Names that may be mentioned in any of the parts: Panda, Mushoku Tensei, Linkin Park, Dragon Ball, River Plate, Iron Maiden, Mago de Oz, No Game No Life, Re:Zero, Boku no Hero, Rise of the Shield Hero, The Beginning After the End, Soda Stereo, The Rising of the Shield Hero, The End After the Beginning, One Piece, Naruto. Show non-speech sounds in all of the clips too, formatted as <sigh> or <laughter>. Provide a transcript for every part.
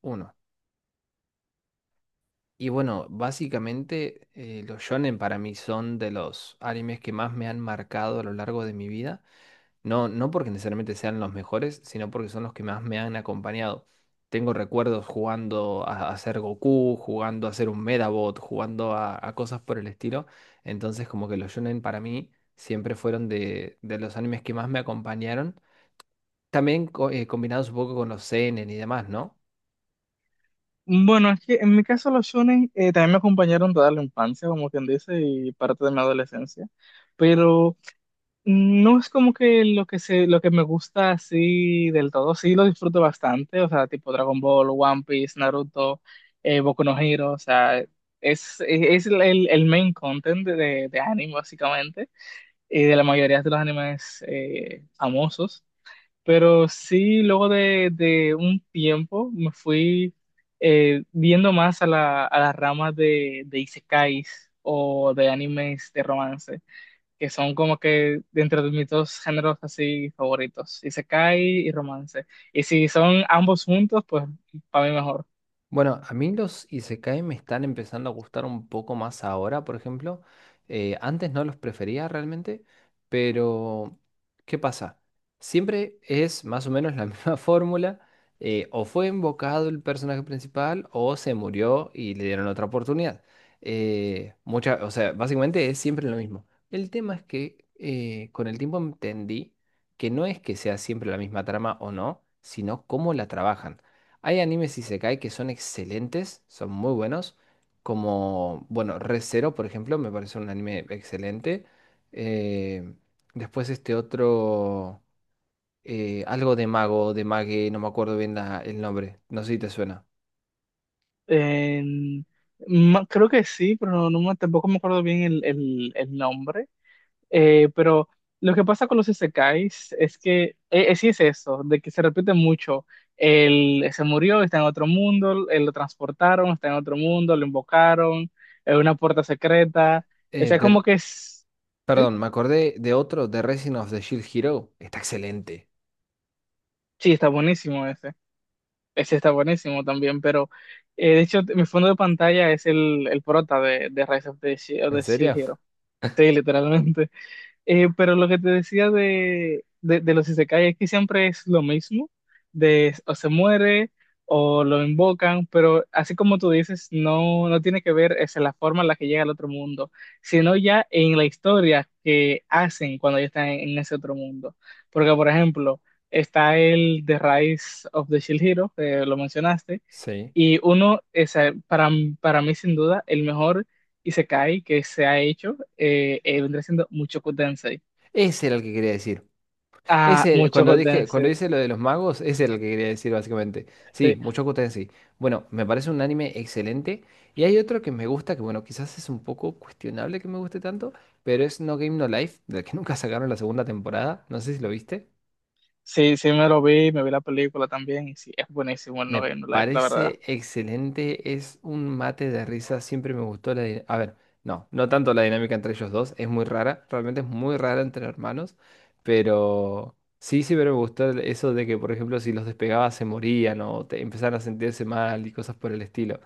Uno. Y bueno, básicamente los shonen para mí son de los animes que más me han marcado a lo largo de mi vida. No porque necesariamente sean los mejores, sino porque son los que más me han acompañado. Tengo recuerdos jugando a ser Goku, jugando a ser un Medabot, jugando a cosas por el estilo. Entonces como que los shonen para mí siempre fueron de los animes que más me acompañaron. También combinados un poco con los seinen y demás, ¿no? Bueno, es que en mi caso los shonen también me acompañaron toda la infancia, como quien dice, y parte de mi adolescencia, pero no es como que lo que me gusta así del todo, sí lo disfruto bastante, o sea, tipo Dragon Ball, One Piece, Naruto, Boku no Hero, o sea, es el main content de anime básicamente, y de la mayoría de los animes famosos. Pero sí, luego de un tiempo me fui viendo más a a las ramas de isekais o de animes de romance, que son como que dentro de mis dos géneros así favoritos, isekai y romance. Y si son ambos juntos, pues para mí mejor. Bueno, a mí los Isekai me están empezando a gustar un poco más ahora, por ejemplo. Antes no los prefería realmente, pero ¿qué pasa? Siempre es más o menos la <laughs> misma fórmula. O fue invocado el personaje principal o se murió y le dieron otra oportunidad. O sea, básicamente es siempre lo mismo. El tema es que con el tiempo entendí que no es que sea siempre la misma trama o no, sino cómo la trabajan. Hay animes isekai que son excelentes, son muy buenos, como, bueno, Re:Zero, por ejemplo, me parece un anime excelente. Eh, Después este otro, algo de mago, de mague, no me acuerdo bien el nombre, no sé si te suena. Eh, Creo que sí, pero tampoco me acuerdo bien el nombre. Pero lo que pasa con los isekais es que sí es eso, de que se repite mucho. Él se murió, está en otro mundo, él lo transportaron, está en otro mundo, lo invocaron, en una puerta secreta. O Eh, sea, de- como que es... Sí, Perdón, me acordé de otro, The Rising of the Shield Hero, está excelente. sí, está buenísimo ese. Ese está buenísimo también, pero de hecho mi fondo de pantalla es el prota de Rise of the, ¿En Shield serio? Hero. Sí, literalmente. Pero lo que te decía de los isekai es que siempre es lo mismo, de o se muere o lo invocan, pero así como tú dices, no tiene que ver es la forma en la que llega al otro mundo, sino ya en la historia que hacen cuando ya están en ese otro mundo. Porque, por ejemplo, está el The Rise of the Shield Hero, que lo mencionaste, Sí. y uno, para mí sin duda, el mejor isekai que se ha hecho, vendría siendo Mushoku Tensei. Ese era el que quería decir. Ah, Ese, mucho cuando dije, cuando Gotense. dice lo de los magos, ese es el que quería decir básicamente. Sí, Este, Mushoku Tensei. Bueno, me parece un anime excelente. Y hay otro que me gusta, que bueno, quizás es un poco cuestionable que me guste tanto, pero es No Game No Life, del que <laughs> nunca sacaron la segunda temporada. No sé si lo viste. sí, sí me lo vi, me vi la película también, y sí, es buenísimo el No Me Game No Life, la verdad. parece excelente, es un mate de risa, siempre me gustó A ver, no, no tanto la dinámica entre ellos dos, es muy rara, realmente es muy rara entre hermanos, pero sí, pero me gustó eso de que, por ejemplo, si los despegabas se morían o te empezaban a sentirse mal y cosas por el estilo.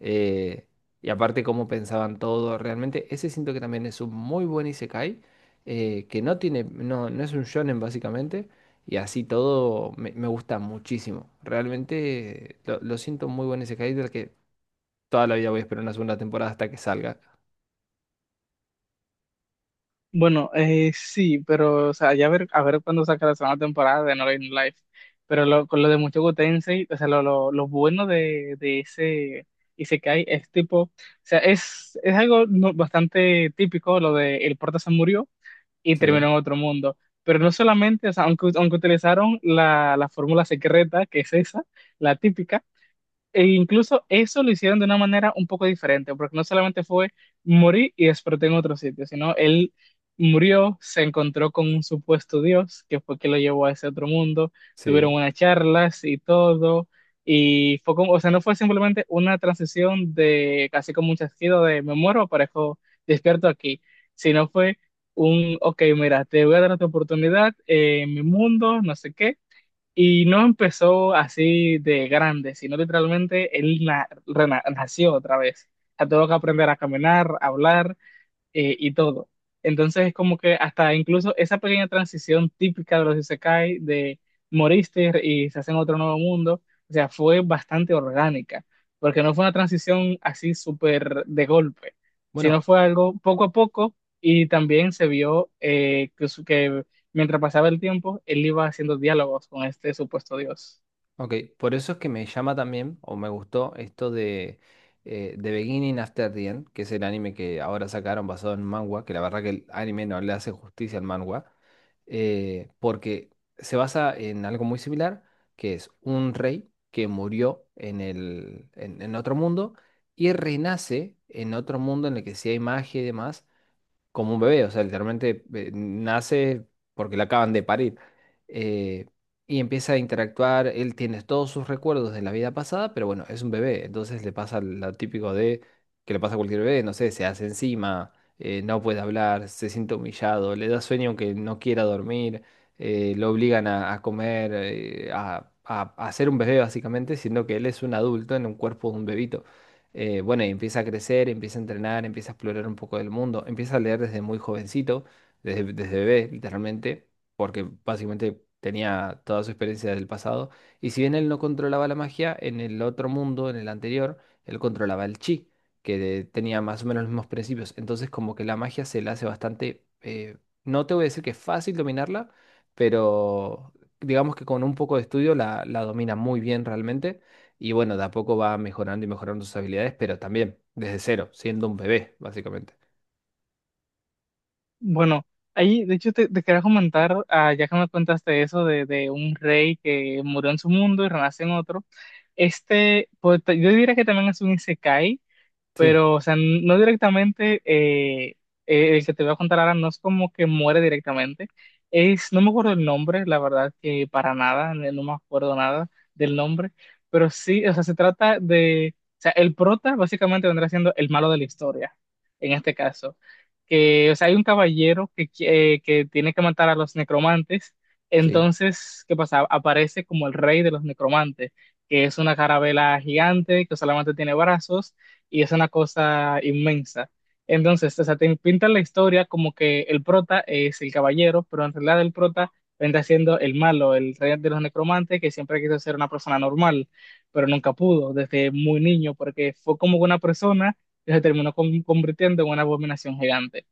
Eh, y aparte cómo pensaban todo, realmente ese siento que también es un muy buen isekai, que no tiene, no es un shonen básicamente y así todo me gusta muchísimo. Realmente lo siento muy bueno ese Hyder que toda la vida voy a esperar una segunda temporada hasta que salga. Bueno, sí, pero, o sea, ya a ver cuándo saca la segunda temporada de No Game No Life. Pero con lo de Mucho Gotense, o sea, lo bueno de ese isekai es tipo, o sea, es algo bastante típico, lo de el prota se murió y terminó Sí, en otro mundo. Pero no solamente, o sea, aunque utilizaron la fórmula secreta, que es esa, la típica. E incluso eso lo hicieron de una manera un poco diferente, porque no solamente fue morir y despertó en otro sitio, sino él murió, se encontró con un supuesto Dios, que fue que lo llevó a ese otro mundo, tuvieron sí. unas charlas y todo, y fue como, o sea, no fue simplemente una transición de casi como un chasquido de me muero, aparezco despierto aquí, sino fue un, ok, mira, te voy a dar otra oportunidad en mi mundo, no sé qué, y no empezó así de grande, sino literalmente nació otra vez. O sea, tuvo que aprender a caminar, a hablar y todo. Entonces es como que hasta incluso esa pequeña transición típica de los isekai, de moriste y se hace en otro nuevo mundo, o sea, fue bastante orgánica, porque no fue una transición así súper de golpe, sino Bueno, fue algo poco a poco, y también se vio que mientras pasaba el tiempo, él iba haciendo diálogos con este supuesto dios. ok, por eso es que me llama también, o me gustó, esto de The Beginning After the End, que es el anime que ahora sacaron basado en manga, que la verdad que el anime no le hace justicia al manga, porque se basa en algo muy similar, que es un rey que murió en en otro mundo y renace en otro mundo en el que sí hay magia y demás como un bebé, o sea, literalmente nace porque la acaban de parir. eh, y empieza a interactuar, él tiene todos sus recuerdos de la vida pasada, pero bueno, es un bebé, entonces le pasa lo típico de que le pasa a cualquier bebé, no sé, se hace encima, no puede hablar, se siente humillado, le da sueño aunque no quiera dormir, lo obligan a comer, a ser un bebé básicamente, siendo que él es un adulto en un cuerpo de un bebito. Bueno, y empieza a crecer, empieza a entrenar, empieza a explorar un poco del mundo, empieza a leer desde muy jovencito, desde bebé, literalmente, porque básicamente tenía toda su experiencia del pasado. Y si bien él no controlaba la magia, en el otro mundo, en el anterior, él controlaba el chi, que tenía más o menos los mismos principios. Entonces, como que la magia se le hace bastante, no te voy a decir que es fácil dominarla, pero digamos que con un poco de estudio la domina muy bien realmente. Y bueno, de a poco va mejorando y mejorando sus habilidades, pero también desde cero, siendo un bebé, básicamente. Bueno, ahí de hecho te quería comentar, ah, ya que me contaste eso de un rey que murió en su mundo y renace en otro, este, pues, yo diría que también es un isekai, Sí, pero, o sea, no directamente, el que te voy a contar ahora no es como que muere directamente, es, no me acuerdo el nombre, la verdad que para nada, no no me acuerdo nada del nombre, pero sí, o sea, se trata de, o sea, el prota básicamente vendrá siendo el malo de la historia, en este caso, que, o sea, hay un caballero que tiene que matar a los necromantes, sí, entonces, ¿qué pasa? Aparece como el rey de los necromantes, que es una carabela gigante que solamente tiene brazos y es una cosa inmensa. Entonces, o sea, te pintan la historia como que el prota es el caballero, pero en realidad el prota vendrá siendo el malo, el rey de los necromantes que siempre quiso ser una persona normal, pero nunca pudo desde muy niño porque fue como una persona que se terminó convirtiendo en una abominación gigante.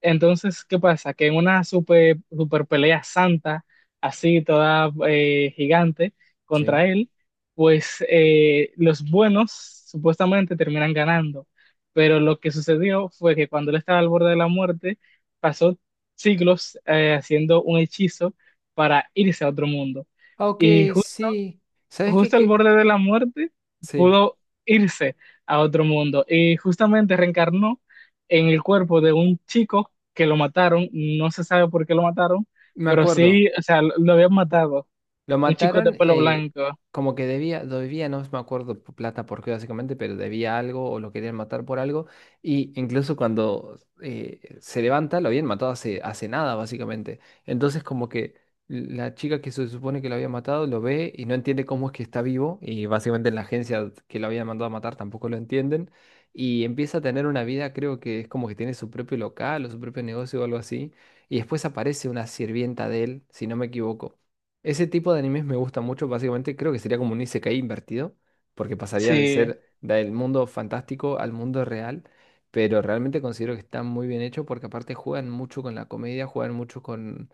Entonces, ¿qué pasa? Que en una super pelea santa, así toda gigante contra sí. él, pues los buenos supuestamente terminan ganando. Pero lo que sucedió fue que cuando él estaba al borde de la muerte, pasó siglos haciendo un hechizo para irse a otro mundo. Ah, ok, Y sí. ¿Sabes qué, justo al qué? borde de la muerte, Sí, pudo irse a otro mundo y justamente reencarnó en el cuerpo de un chico que lo mataron, no se sabe por qué lo mataron, me pero acuerdo. sí, o sea, lo habían matado, Lo un chico de mataron pelo blanco. como que debía, debía, no me acuerdo plata por qué básicamente, pero debía algo o lo querían matar por algo. Y incluso cuando se levanta, lo habían matado hace, hace nada básicamente. Entonces como que la chica que se supone que lo había matado lo ve y no entiende cómo es que está vivo. Y básicamente la agencia que lo había mandado a matar tampoco lo entienden. Y empieza a tener una vida, creo que es como que tiene su propio local o su propio negocio o algo así. Y después aparece una sirvienta de él, si no me equivoco ese tipo de animes me gusta mucho, básicamente creo que sería como un isekai invertido, porque pasaría de Sí. ser del mundo fantástico al mundo real, pero realmente considero que está muy bien hecho porque aparte juegan mucho con la comedia, juegan mucho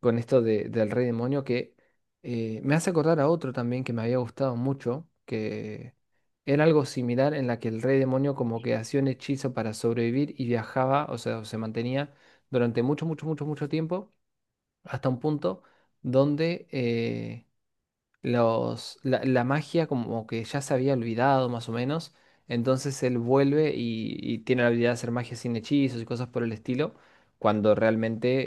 con esto de- del rey demonio que me hace acordar a otro también que me había gustado mucho, que era algo similar en la que el rey demonio como que hacía un hechizo para sobrevivir y viajaba, o sea, o se mantenía durante mucho tiempo hasta un punto donde la magia como que ya se había olvidado más o menos, entonces él vuelve y tiene la habilidad de hacer magia sin hechizos y cosas por el estilo, cuando realmente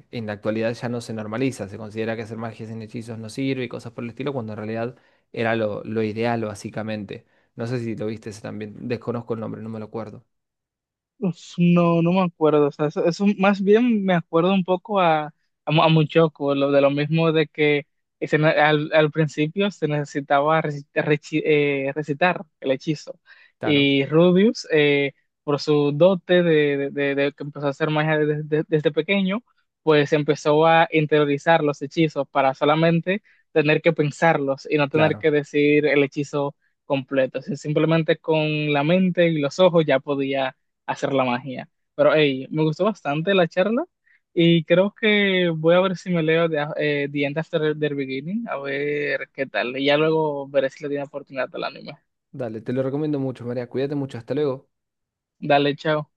en la actualidad ya no se normaliza, se considera que hacer magia sin hechizos no sirve y cosas por el estilo, cuando en realidad era lo ideal básicamente. No sé si lo viste ese también, desconozco el nombre, no me lo acuerdo. Uf, no, no me acuerdo. O sea, eso más bien me acuerdo un poco a, Muchoco, lo de lo mismo de que al, al principio se necesitaba recitar, recitar el hechizo. Claro, Y Rubius, por su dote de que empezó a hacer magia desde, desde pequeño, pues empezó a interiorizar los hechizos para solamente tener que pensarlos y no tener claro. que decir el hechizo completo. O sea, simplemente con la mente y los ojos ya podía hacer la magia. Pero hey, me gustó bastante la charla y creo que voy a ver si me leo The, The End After the Beginning, a ver qué tal. Y ya luego veré si le di una oportunidad al anime. Dale, te lo recomiendo mucho, María. Cuídate mucho, hasta luego. Dale, chao.